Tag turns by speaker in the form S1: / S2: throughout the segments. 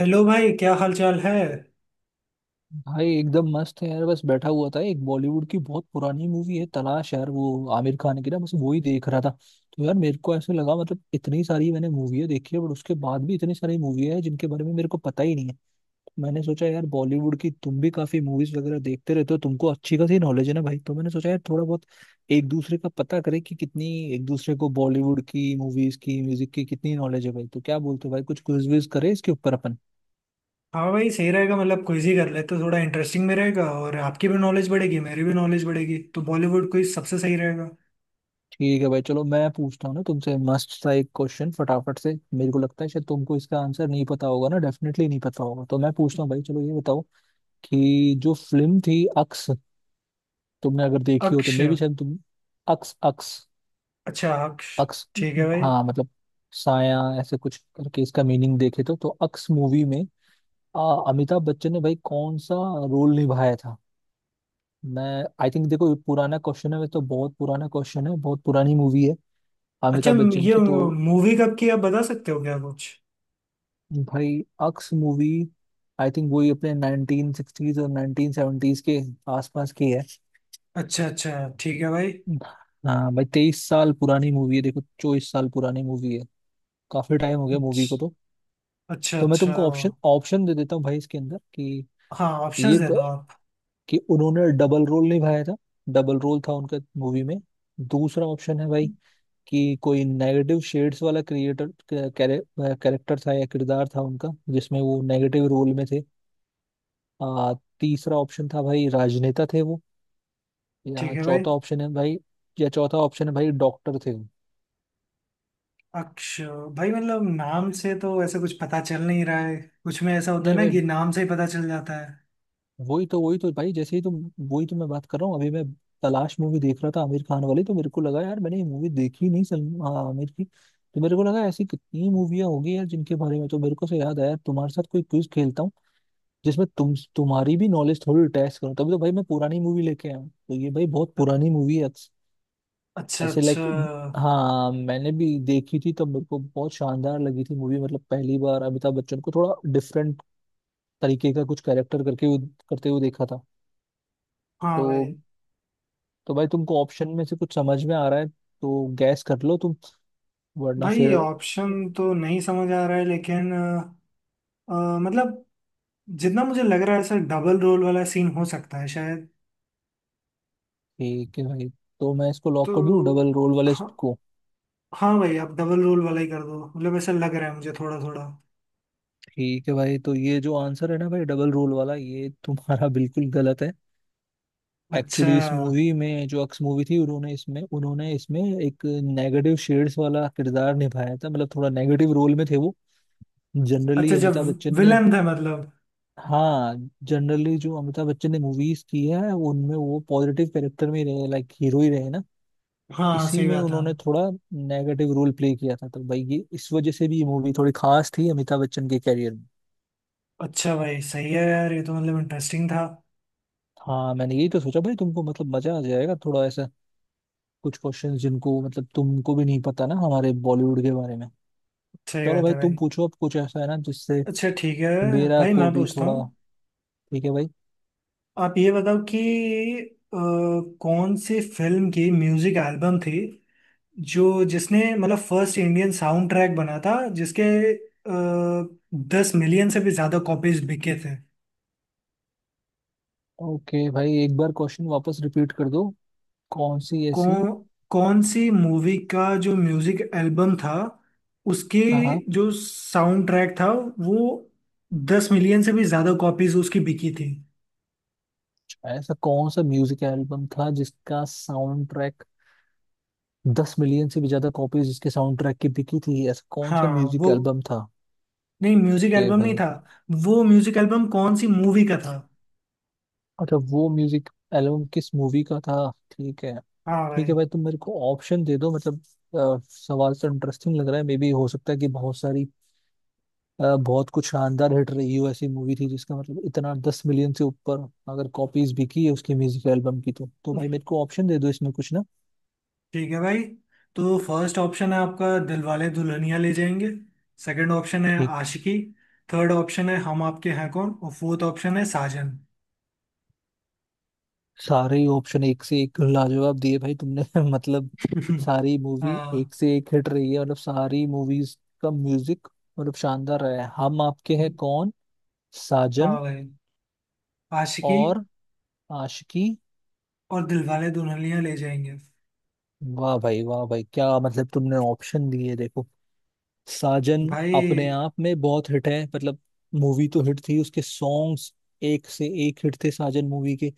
S1: Hello भाई, क्या हाल चाल है।
S2: भाई एकदम मस्त है यार। बस बैठा हुआ था। एक बॉलीवुड की बहुत पुरानी मूवी है तलाश यार, वो आमिर खान की ना, बस वो ही देख रहा था। तो यार मेरे को ऐसे लगा, मतलब इतनी सारी मैंने मूवी देखी है बट उसके बाद भी इतनी सारी मूवी है जिनके बारे में मेरे को पता ही नहीं है। मैंने सोचा यार बॉलीवुड की तुम भी काफी मूवीज वगैरह देखते रहते हो, तुमको अच्छी खासी नॉलेज है ना भाई, तो मैंने सोचा यार थोड़ा बहुत एक दूसरे का पता करें कि कितनी एक दूसरे को बॉलीवुड की मूवीज की म्यूजिक की कितनी नॉलेज है भाई। तो क्या बोलते हो भाई, कुछ क्विज विज करें इसके ऊपर अपन।
S1: हाँ भाई, सही रहेगा। मतलब क्विज ही कर लेते, थोड़ा इंटरेस्टिंग भी रहेगा और आपकी भी नॉलेज बढ़ेगी, मेरी भी नॉलेज बढ़ेगी। तो बॉलीवुड क्विज सबसे सही रहेगा।
S2: ठीक है भाई चलो मैं पूछता हूँ ना तुमसे मस्त सा एक क्वेश्चन फटाफट से। मेरे को लगता है शायद तुमको इसका आंसर नहीं पता होगा ना, डेफिनेटली नहीं पता होगा। तो मैं पूछता हूँ भाई, चलो ये बताओ कि जो फिल्म थी अक्स, तुमने अगर देखी हो तो
S1: अक्ष।
S2: मे भी शायद तुम। अक्स, अक्स,
S1: अच्छा, अक्ष।
S2: अक्स।
S1: ठीक है भाई।
S2: हाँ मतलब साया ऐसे कुछ करके इसका मीनिंग देखे तो। तो अक्स मूवी में आ, अमिताभ बच्चन ने भाई कौन सा रोल निभाया था। मैं आई थिंक, देखो ये पुराना क्वेश्चन है, वैसे तो बहुत पुराना क्वेश्चन है, बहुत पुरानी मूवी है
S1: अच्छा,
S2: अमिताभ बच्चन
S1: ये
S2: की। तो
S1: मूवी कब की आप बता सकते हो क्या कुछ?
S2: भाई अक्स मूवी आई थिंक वही अपने 1960s और 1970s के आसपास की है।
S1: अच्छा अच्छा, ठीक है भाई।
S2: हाँ भाई 23 साल पुरानी मूवी है, देखो 24 साल पुरानी मूवी है। काफी टाइम हो गया मूवी
S1: अच्छा
S2: को तो।
S1: अच्छा
S2: तो मैं
S1: अच्छा।
S2: तुमको ऑप्शन ऑप्शन दे देता हूँ भाई इसके अंदर कि
S1: हाँ, ऑप्शंस
S2: ये
S1: दे
S2: ब-
S1: दो आप।
S2: कि उन्होंने डबल रोल निभाया था, डबल रोल था उनका मूवी में। दूसरा ऑप्शन है भाई कि कोई नेगेटिव शेड्स वाला क्रिएटर कैरेक्टर था या किरदार था उनका जिसमें वो नेगेटिव रोल में थे। आ, तीसरा ऑप्शन था भाई, राजनेता थे वो। या
S1: ठीक है भाई।
S2: चौथा ऑप्शन है भाई या चौथा ऑप्शन है भाई डॉक्टर थे वो।
S1: अक्ष। भाई मतलब नाम से तो ऐसा कुछ पता चल नहीं रहा है। कुछ में ऐसा होता है
S2: नहीं
S1: ना
S2: भाई,
S1: कि नाम से ही पता चल जाता है।
S2: वही तो भाई जैसे ही तो वही तो मैं बात कर रहा हूँ अभी। मैं तलाश मूवी देख रहा था आमिर खान वाली, तो मेरे को लगा यार मैंने ये मूवी देखी नहीं। सलम आमिर की, तो मेरे को लगा ऐसी कितनी मूवियाँ होगी यार जिनके बारे में। तो मेरे को से याद आया तुम्हारे साथ कोई क्विज खेलता हूँ जिसमें तुम्हारी भी नॉलेज थोड़ी टेस्ट करो। तभी तो भाई मैं पुरानी मूवी लेके आया हूँ, तो ये भाई बहुत पुरानी मूवी है।
S1: अच्छा
S2: ऐसे
S1: अच्छा।
S2: लाइक हाँ मैंने भी देखी थी, तो मेरे को बहुत शानदार लगी थी मूवी, मतलब पहली बार अमिताभ बच्चन को थोड़ा डिफरेंट तरीके का कुछ कैरेक्टर करते हुए देखा था।
S1: हाँ
S2: तो
S1: भाई।
S2: तो भाई तुमको ऑप्शन में से कुछ समझ में आ रहा है तो गैस कर लो तुम, वरना
S1: भाई,
S2: फिर।
S1: ऑप्शन तो नहीं समझ आ रहा है, लेकिन अ, मतलब जितना मुझे लग रहा है सर डबल रोल वाला सीन हो सकता है शायद।
S2: ठीक है भाई, तो मैं इसको
S1: तो
S2: लॉक कर दूं डबल रोल वाले
S1: हाँ।
S2: को।
S1: हाँ भाई, आप डबल रोल वाला ही कर दो। मतलब ऐसा लग रहा है मुझे थोड़ा थोड़ा।
S2: ठीक है भाई, तो ये जो आंसर है ना भाई डबल रोल वाला ये तुम्हारा बिल्कुल गलत है।
S1: अच्छा
S2: एक्चुअली इस मूवी में जो अक्स मूवी थी उन्होंने इसमें एक नेगेटिव शेड्स वाला किरदार निभाया था, मतलब थोड़ा नेगेटिव रोल में थे वो जनरली।
S1: अच्छा। जब
S2: अमिताभ बच्चन ने
S1: विलन था मतलब।
S2: हाँ जनरली जो अमिताभ बच्चन ने मूवीज की है उनमें वो पॉजिटिव कैरेक्टर में ही रहे, लाइक हीरो ही रहे ना।
S1: हाँ,
S2: इसी
S1: सही
S2: में
S1: बात है।
S2: उन्होंने थोड़ा नेगेटिव रोल प्ले किया था, तो भाई ये इस वजह से भी ये मूवी थोड़ी खास थी अमिताभ बच्चन के कैरियर में।
S1: अच्छा भाई, सही है यार, ये तो मतलब इंटरेस्टिंग था।
S2: हाँ मैंने यही तो सोचा भाई, तुमको मतलब मजा आ जाएगा थोड़ा ऐसा कुछ क्वेश्चंस जिनको मतलब तुमको भी नहीं पता ना हमारे बॉलीवुड के बारे में।
S1: सही
S2: चलो
S1: बात
S2: भाई
S1: है
S2: तुम
S1: भाई।
S2: पूछो अब कुछ ऐसा है ना जिससे
S1: अच्छा ठीक है
S2: मेरा
S1: भाई,
S2: को
S1: मैं
S2: भी
S1: पूछता हूँ।
S2: थोड़ा। ठीक है भाई।
S1: आप ये बताओ कि अ, कौन सी फिल्म की म्यूजिक एल्बम थी, जो जिसने मतलब फर्स्ट इंडियन साउंड ट्रैक बना था, जिसके 10 मिलियन से भी ज्यादा कॉपीज बिके थे।
S2: ओके भाई एक बार क्वेश्चन वापस रिपीट कर दो कौन सी ऐसी।
S1: कौन कौन सी मूवी का जो म्यूजिक एल्बम था उसके,
S2: हाँ हाँ,
S1: जो साउंड ट्रैक था वो, 10 मिलियन से भी ज्यादा कॉपीज उसकी बिकी थी।
S2: ऐसा कौन सा म्यूजिक एल्बम था जिसका साउंड ट्रैक 10 मिलियन से भी ज्यादा कॉपीज, जिसके साउंड ट्रैक की बिकी थी, ऐसा कौन सा
S1: हाँ
S2: म्यूजिक
S1: वो,
S2: एल्बम था।
S1: नहीं म्यूजिक
S2: ओके
S1: एल्बम नहीं
S2: भाई,
S1: था। वो म्यूजिक एल्बम कौन सी मूवी का था।
S2: अच्छा वो म्यूजिक एल्बम किस मूवी का था। ठीक है।
S1: हाँ
S2: ठीक है
S1: भाई।
S2: भाई तुम मेरे को ऑप्शन दे दो, मतलब सवाल तो इंटरेस्टिंग लग रहा है, मे बी हो सकता है कि बहुत सारी बहुत कुछ शानदार हिट रही हो, ऐसी मूवी थी जिसका, मतलब इतना 10 मिलियन से ऊपर अगर कॉपीज भी की है उसकी म्यूजिक एल्बम की तो। तो भाई मेरे को ऑप्शन दे दो इसमें कुछ ना।
S1: ठीक है भाई, तो फर्स्ट ऑप्शन है आपका दिलवाले दुल्हनिया ले जाएंगे, सेकंड ऑप्शन है
S2: ठीक।
S1: आशिकी, थर्ड ऑप्शन है हम आपके हैं कौन और फोर्थ ऑप्शन है साजन।
S2: सारे ही ऑप्शन एक से एक लाजवाब दिए भाई तुमने मतलब सारी मूवी
S1: हाँ।
S2: एक से एक हिट रही है, मतलब सारी मूवीज का म्यूजिक मतलब शानदार रहा है। हम आपके हैं कौन, साजन,
S1: हाँ भाई, आशिकी
S2: और आशिकी।
S1: और दिलवाले दुल्हनिया ले जाएंगे।
S2: वाह भाई क्या, मतलब तुमने ऑप्शन दिए, देखो साजन अपने
S1: भाई।
S2: आप में बहुत हिट है, मतलब मूवी तो हिट थी, उसके सॉन्ग्स एक से एक हिट थे साजन मूवी के।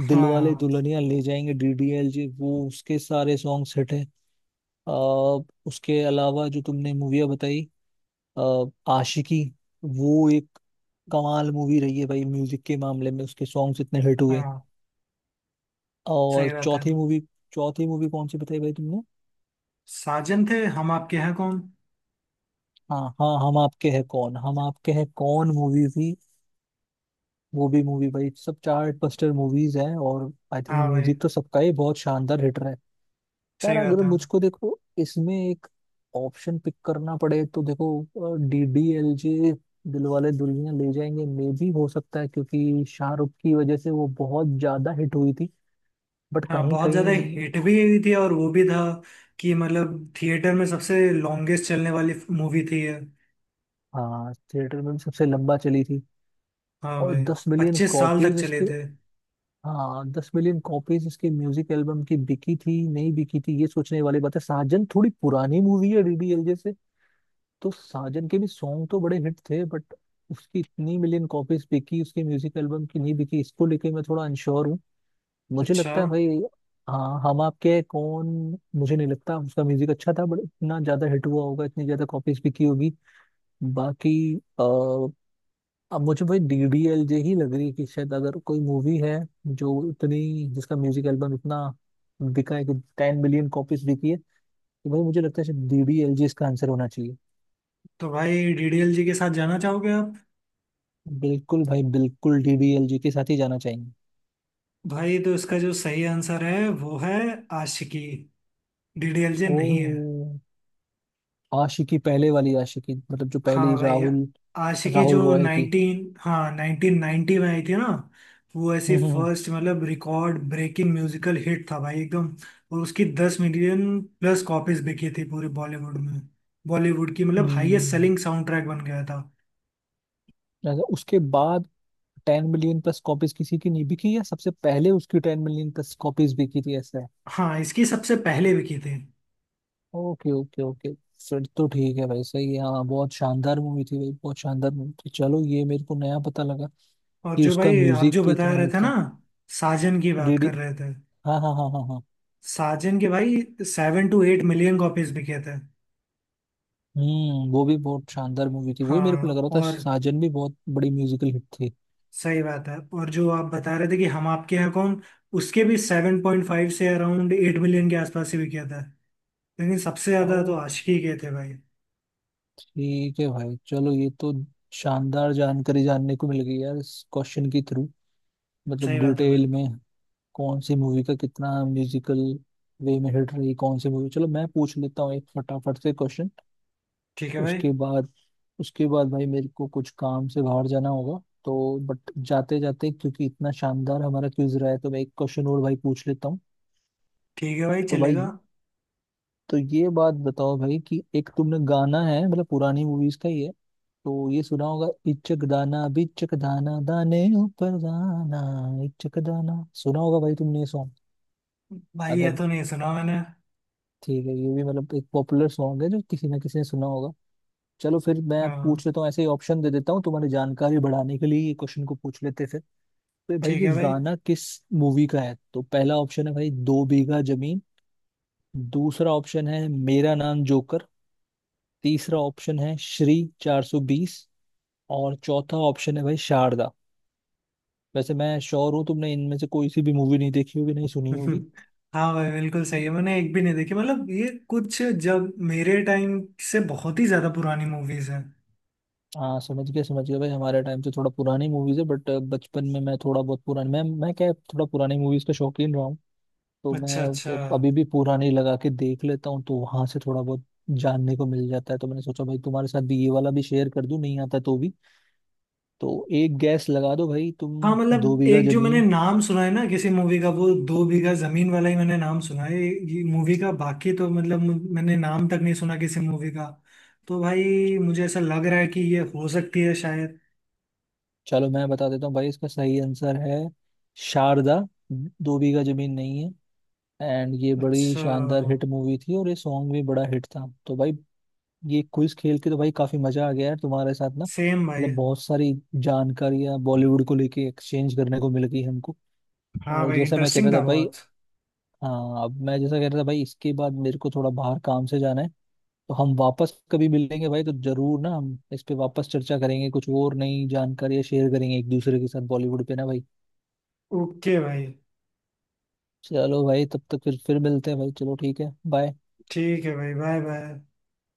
S2: दिल वाले
S1: हाँ।
S2: दुल्हनिया ले जाएंगे डीडीएल जी, वो उसके सारे सॉन्ग्स हिट है। उसके अलावा जो तुमने मूवियाँ बताई अ, आशिकी, वो एक कमाल मूवी रही है भाई म्यूजिक के मामले में, उसके सॉन्ग्स इतने हिट हुए।
S1: हाँ,
S2: और
S1: सही बात है।
S2: चौथी मूवी, चौथी मूवी कौन सी बताई भाई तुमने।
S1: साजन थे, हम आपके हैं कौन।
S2: हाँ हाँ, हम आपके हैं कौन, हम आपके हैं कौन मूवी भी, वो भी मूवी भाई, सब चार्ट बस्टर मूवीज हैं और आई थिंक
S1: हाँ भाई,
S2: म्यूजिक तो सबका ही बहुत शानदार हिट रहा है। यार
S1: सही बात
S2: अगर
S1: है।
S2: मुझको देखो इसमें एक ऑप्शन पिक करना पड़े तो देखो D D L J, Dilwale Dulhania Le Jayenge मे भी हो सकता है क्योंकि शाहरुख की वजह से वो बहुत ज्यादा हिट हुई थी, बट
S1: हाँ,
S2: कहीं
S1: बहुत ज्यादा
S2: कहीं।
S1: हिट भी हुई थी और वो भी था कि मतलब थिएटर में सबसे लॉन्गेस्ट चलने वाली मूवी थी ये।
S2: हाँ थिएटर में भी सबसे लंबा चली थी।
S1: हाँ
S2: और
S1: भाई,
S2: 10 मिलियन
S1: 25 साल तक
S2: कॉपीज
S1: चले
S2: इसके।
S1: थे।
S2: हाँ दस मिलियन कॉपीज इसकी म्यूजिक एल्बम की बिकी थी नहीं बिकी थी, ये सोचने वाली बात है। साजन थोड़ी पुरानी मूवी है डीडीएलजे से, तो साजन के भी सॉन्ग तो बड़े हिट थे, बट उसकी इतनी मिलियन कॉपीज बिकी उसकी म्यूजिक एल्बम की नहीं बिकी, इसको लेके मैं थोड़ा अनश्योर हूँ। मुझे
S1: अच्छा।
S2: लगता है भाई हाँ, हम आपके हैं कौन, मुझे नहीं लगता उसका म्यूजिक अच्छा था बट इतना ज्यादा हिट हुआ होगा, इतनी ज्यादा कॉपीज बिकी होगी। बाकी अब मुझे भाई डी डी एल जे ही लग रही है कि शायद, अगर कोई मूवी है जो इतनी जिसका म्यूजिक एल्बम इतना बिका है कि 10 मिलियन कॉपीज बिकी है, तो भाई मुझे लगता है शायद डी डी एल जे इसका आंसर होना चाहिए।
S1: तो भाई, डीडीएल जी के साथ जाना चाहोगे आप?
S2: बिल्कुल भाई, बिल्कुल डी डी एल जे के साथ ही जाना चाहिए।
S1: भाई, तो इसका जो सही आंसर है वो है आशिकी। डीडीएल जी
S2: ओ।
S1: नहीं है।
S2: आशिकी, पहले वाली आशिकी, मतलब जो
S1: हाँ
S2: पहली
S1: भाई,
S2: राहुल
S1: आशिकी
S2: राहुल
S1: जो
S2: रॉय की।
S1: नाइनटीन, हाँ 1990 में आई थी ना, वो ऐसी
S2: हम्म।
S1: फर्स्ट मतलब रिकॉर्ड ब्रेकिंग म्यूजिकल हिट था भाई एकदम। और उसकी 10 मिलियन प्लस कॉपीज बिकी थी पूरे बॉलीवुड में। बॉलीवुड की मतलब हाईएस्ट
S2: हम्म।
S1: सेलिंग साउंड ट्रैक बन गया था।
S2: अगर उसके बाद 10 मिलियन प्लस कॉपीज किसी की नहीं बिकी, या सबसे पहले उसकी 10 मिलियन प्लस कॉपीज बिकी थी ऐसा।
S1: हाँ, इसकी सबसे पहले बिकी थी।
S2: ओके ओके ओके, फिर तो ठीक है भाई सही है। हाँ बहुत शानदार मूवी थी भाई, बहुत शानदार मूवी थी, चलो ये मेरे को नया पता लगा
S1: और
S2: कि
S1: जो
S2: उसका
S1: भाई, आप
S2: म्यूजिक
S1: जो
S2: भी
S1: बता
S2: इतना
S1: रहे
S2: हिट
S1: थे ना,
S2: था।
S1: साजन की बात
S2: डीडी,
S1: कर रहे थे,
S2: हाँ हाँ हाँ हाँ हाँ।
S1: साजन के भाई 7 टू 8 मिलियन कॉपीज बिके थे।
S2: वो भी बहुत शानदार मूवी थी, वही मेरे को लग
S1: हाँ
S2: रहा था
S1: और
S2: साजन भी बहुत बड़ी म्यूजिकल हिट थी।
S1: सही बात है। और जो आप बता रहे थे कि हम आपके यहाँ कौन, उसके भी 7.5 से अराउंड 8 मिलियन के आसपास ही बिके थे। लेकिन सबसे
S2: ओ
S1: ज्यादा तो आशिकी के थे भाई।
S2: ठीक है भाई चलो, ये तो शानदार जानकारी जानने को मिल गई यार इस क्वेश्चन के थ्रू, मतलब
S1: सही बात है भाई।
S2: डिटेल में कौन सी मूवी का कितना म्यूजिकल वे में हिट रही कौन सी मूवी। चलो मैं पूछ लेता हूँ एक फटाफट से क्वेश्चन
S1: ठीक है भाई।
S2: उसके बाद, भाई मेरे को कुछ काम से बाहर जाना होगा तो। बट जाते जाते क्योंकि इतना शानदार हमारा क्विज रहा है तो मैं एक क्वेश्चन और भाई पूछ लेता हूँ।
S1: ठीक है भाई,
S2: तो
S1: चलेगा।
S2: भाई, तो ये बात बताओ भाई कि एक तुमने गाना है मतलब पुरानी मूवीज का ही है, तो ये सुना होगा इचक दाना बिचक दाना दाने ऊपर दाना, इचक दाना सुना होगा भाई तुमने ये सॉन्ग।
S1: भाई, ये
S2: अगर।
S1: तो नहीं सुना मैंने।
S2: ठीक है, ये भी मतलब एक पॉपुलर सॉन्ग है जो किसी ना किसी ने सुना होगा। चलो फिर मैं
S1: हाँ,
S2: पूछ लेता हूँ ऐसे ही, ऑप्शन दे देता हूँ तुम्हारी जानकारी बढ़ाने के लिए, ये क्वेश्चन को पूछ लेते हैं फिर। तो भाई
S1: ठीक
S2: ये
S1: है भाई।
S2: गाना किस मूवी का है, तो पहला ऑप्शन है भाई दो बीघा जमीन, दूसरा ऑप्शन है मेरा नाम जोकर, तीसरा ऑप्शन है श्री 420, और चौथा ऑप्शन है भाई शारदा। वैसे मैं श्योर हूँ तुमने इनमें से कोई सी भी मूवी नहीं देखी होगी नहीं सुनी होगी।
S1: हाँ भाई, बिल्कुल सही है। मैंने एक भी नहीं देखी। मतलब ये कुछ जब मेरे टाइम से बहुत ही ज्यादा पुरानी मूवीज हैं।
S2: हाँ समझ गया भाई, हमारे टाइम से थोड़ा पुरानी मूवीज है बट बचपन में मैं थोड़ा बहुत पुरानी मैं क्या, थोड़ा पुरानी मूवीज का शौकीन रहा हूँ। तो
S1: अच्छा
S2: मैं
S1: अच्छा।
S2: अभी भी पूरा नहीं लगा के देख लेता हूँ, तो वहां से थोड़ा बहुत जानने को मिल जाता है। तो मैंने सोचा भाई तुम्हारे साथ भी ये वाला भी शेयर कर दूं नहीं आता तो भी। तो एक गैस लगा दो भाई तुम
S1: हाँ
S2: दो
S1: मतलब
S2: बीघा
S1: एक जो मैंने
S2: जमीन।
S1: नाम सुना है ना किसी मूवी का, वो दो बीघा जमीन वाला ही मैंने नाम सुना है ये मूवी का। बाकी तो मतलब मैंने नाम तक नहीं सुना किसी मूवी का। तो भाई, मुझे ऐसा लग रहा है कि ये हो सकती है शायद।
S2: चलो मैं बता देता हूँ भाई इसका सही आंसर है शारदा, दो बीघा जमीन नहीं है। एंड ये बड़ी
S1: अच्छा।
S2: शानदार हिट मूवी थी और ये सॉन्ग भी बड़ा हिट था। तो भाई ये क्विज खेल के तो भाई काफी मजा आ गया है तुम्हारे साथ ना,
S1: सेम भाई।
S2: मतलब बहुत सारी जानकारियां बॉलीवुड को लेके एक्सचेंज करने को मिल गई हमको।
S1: हाँ
S2: और
S1: भाई,
S2: जैसे मैं कह
S1: इंटरेस्टिंग
S2: रहा
S1: था
S2: था भाई,
S1: बहुत।
S2: हाँ अब मैं जैसा कह रहा था भाई इसके बाद मेरे को थोड़ा बाहर काम से जाना है। तो हम वापस कभी मिलेंगे भाई, तो जरूर ना हम इस पे वापस चर्चा करेंगे, कुछ और नई जानकारियां शेयर करेंगे एक दूसरे के साथ बॉलीवुड पे ना भाई।
S1: ओके भाई।
S2: चलो भाई तब तक फिर मिलते हैं भाई। चलो ठीक है बाय।
S1: ठीक है भाई, बाय बाय।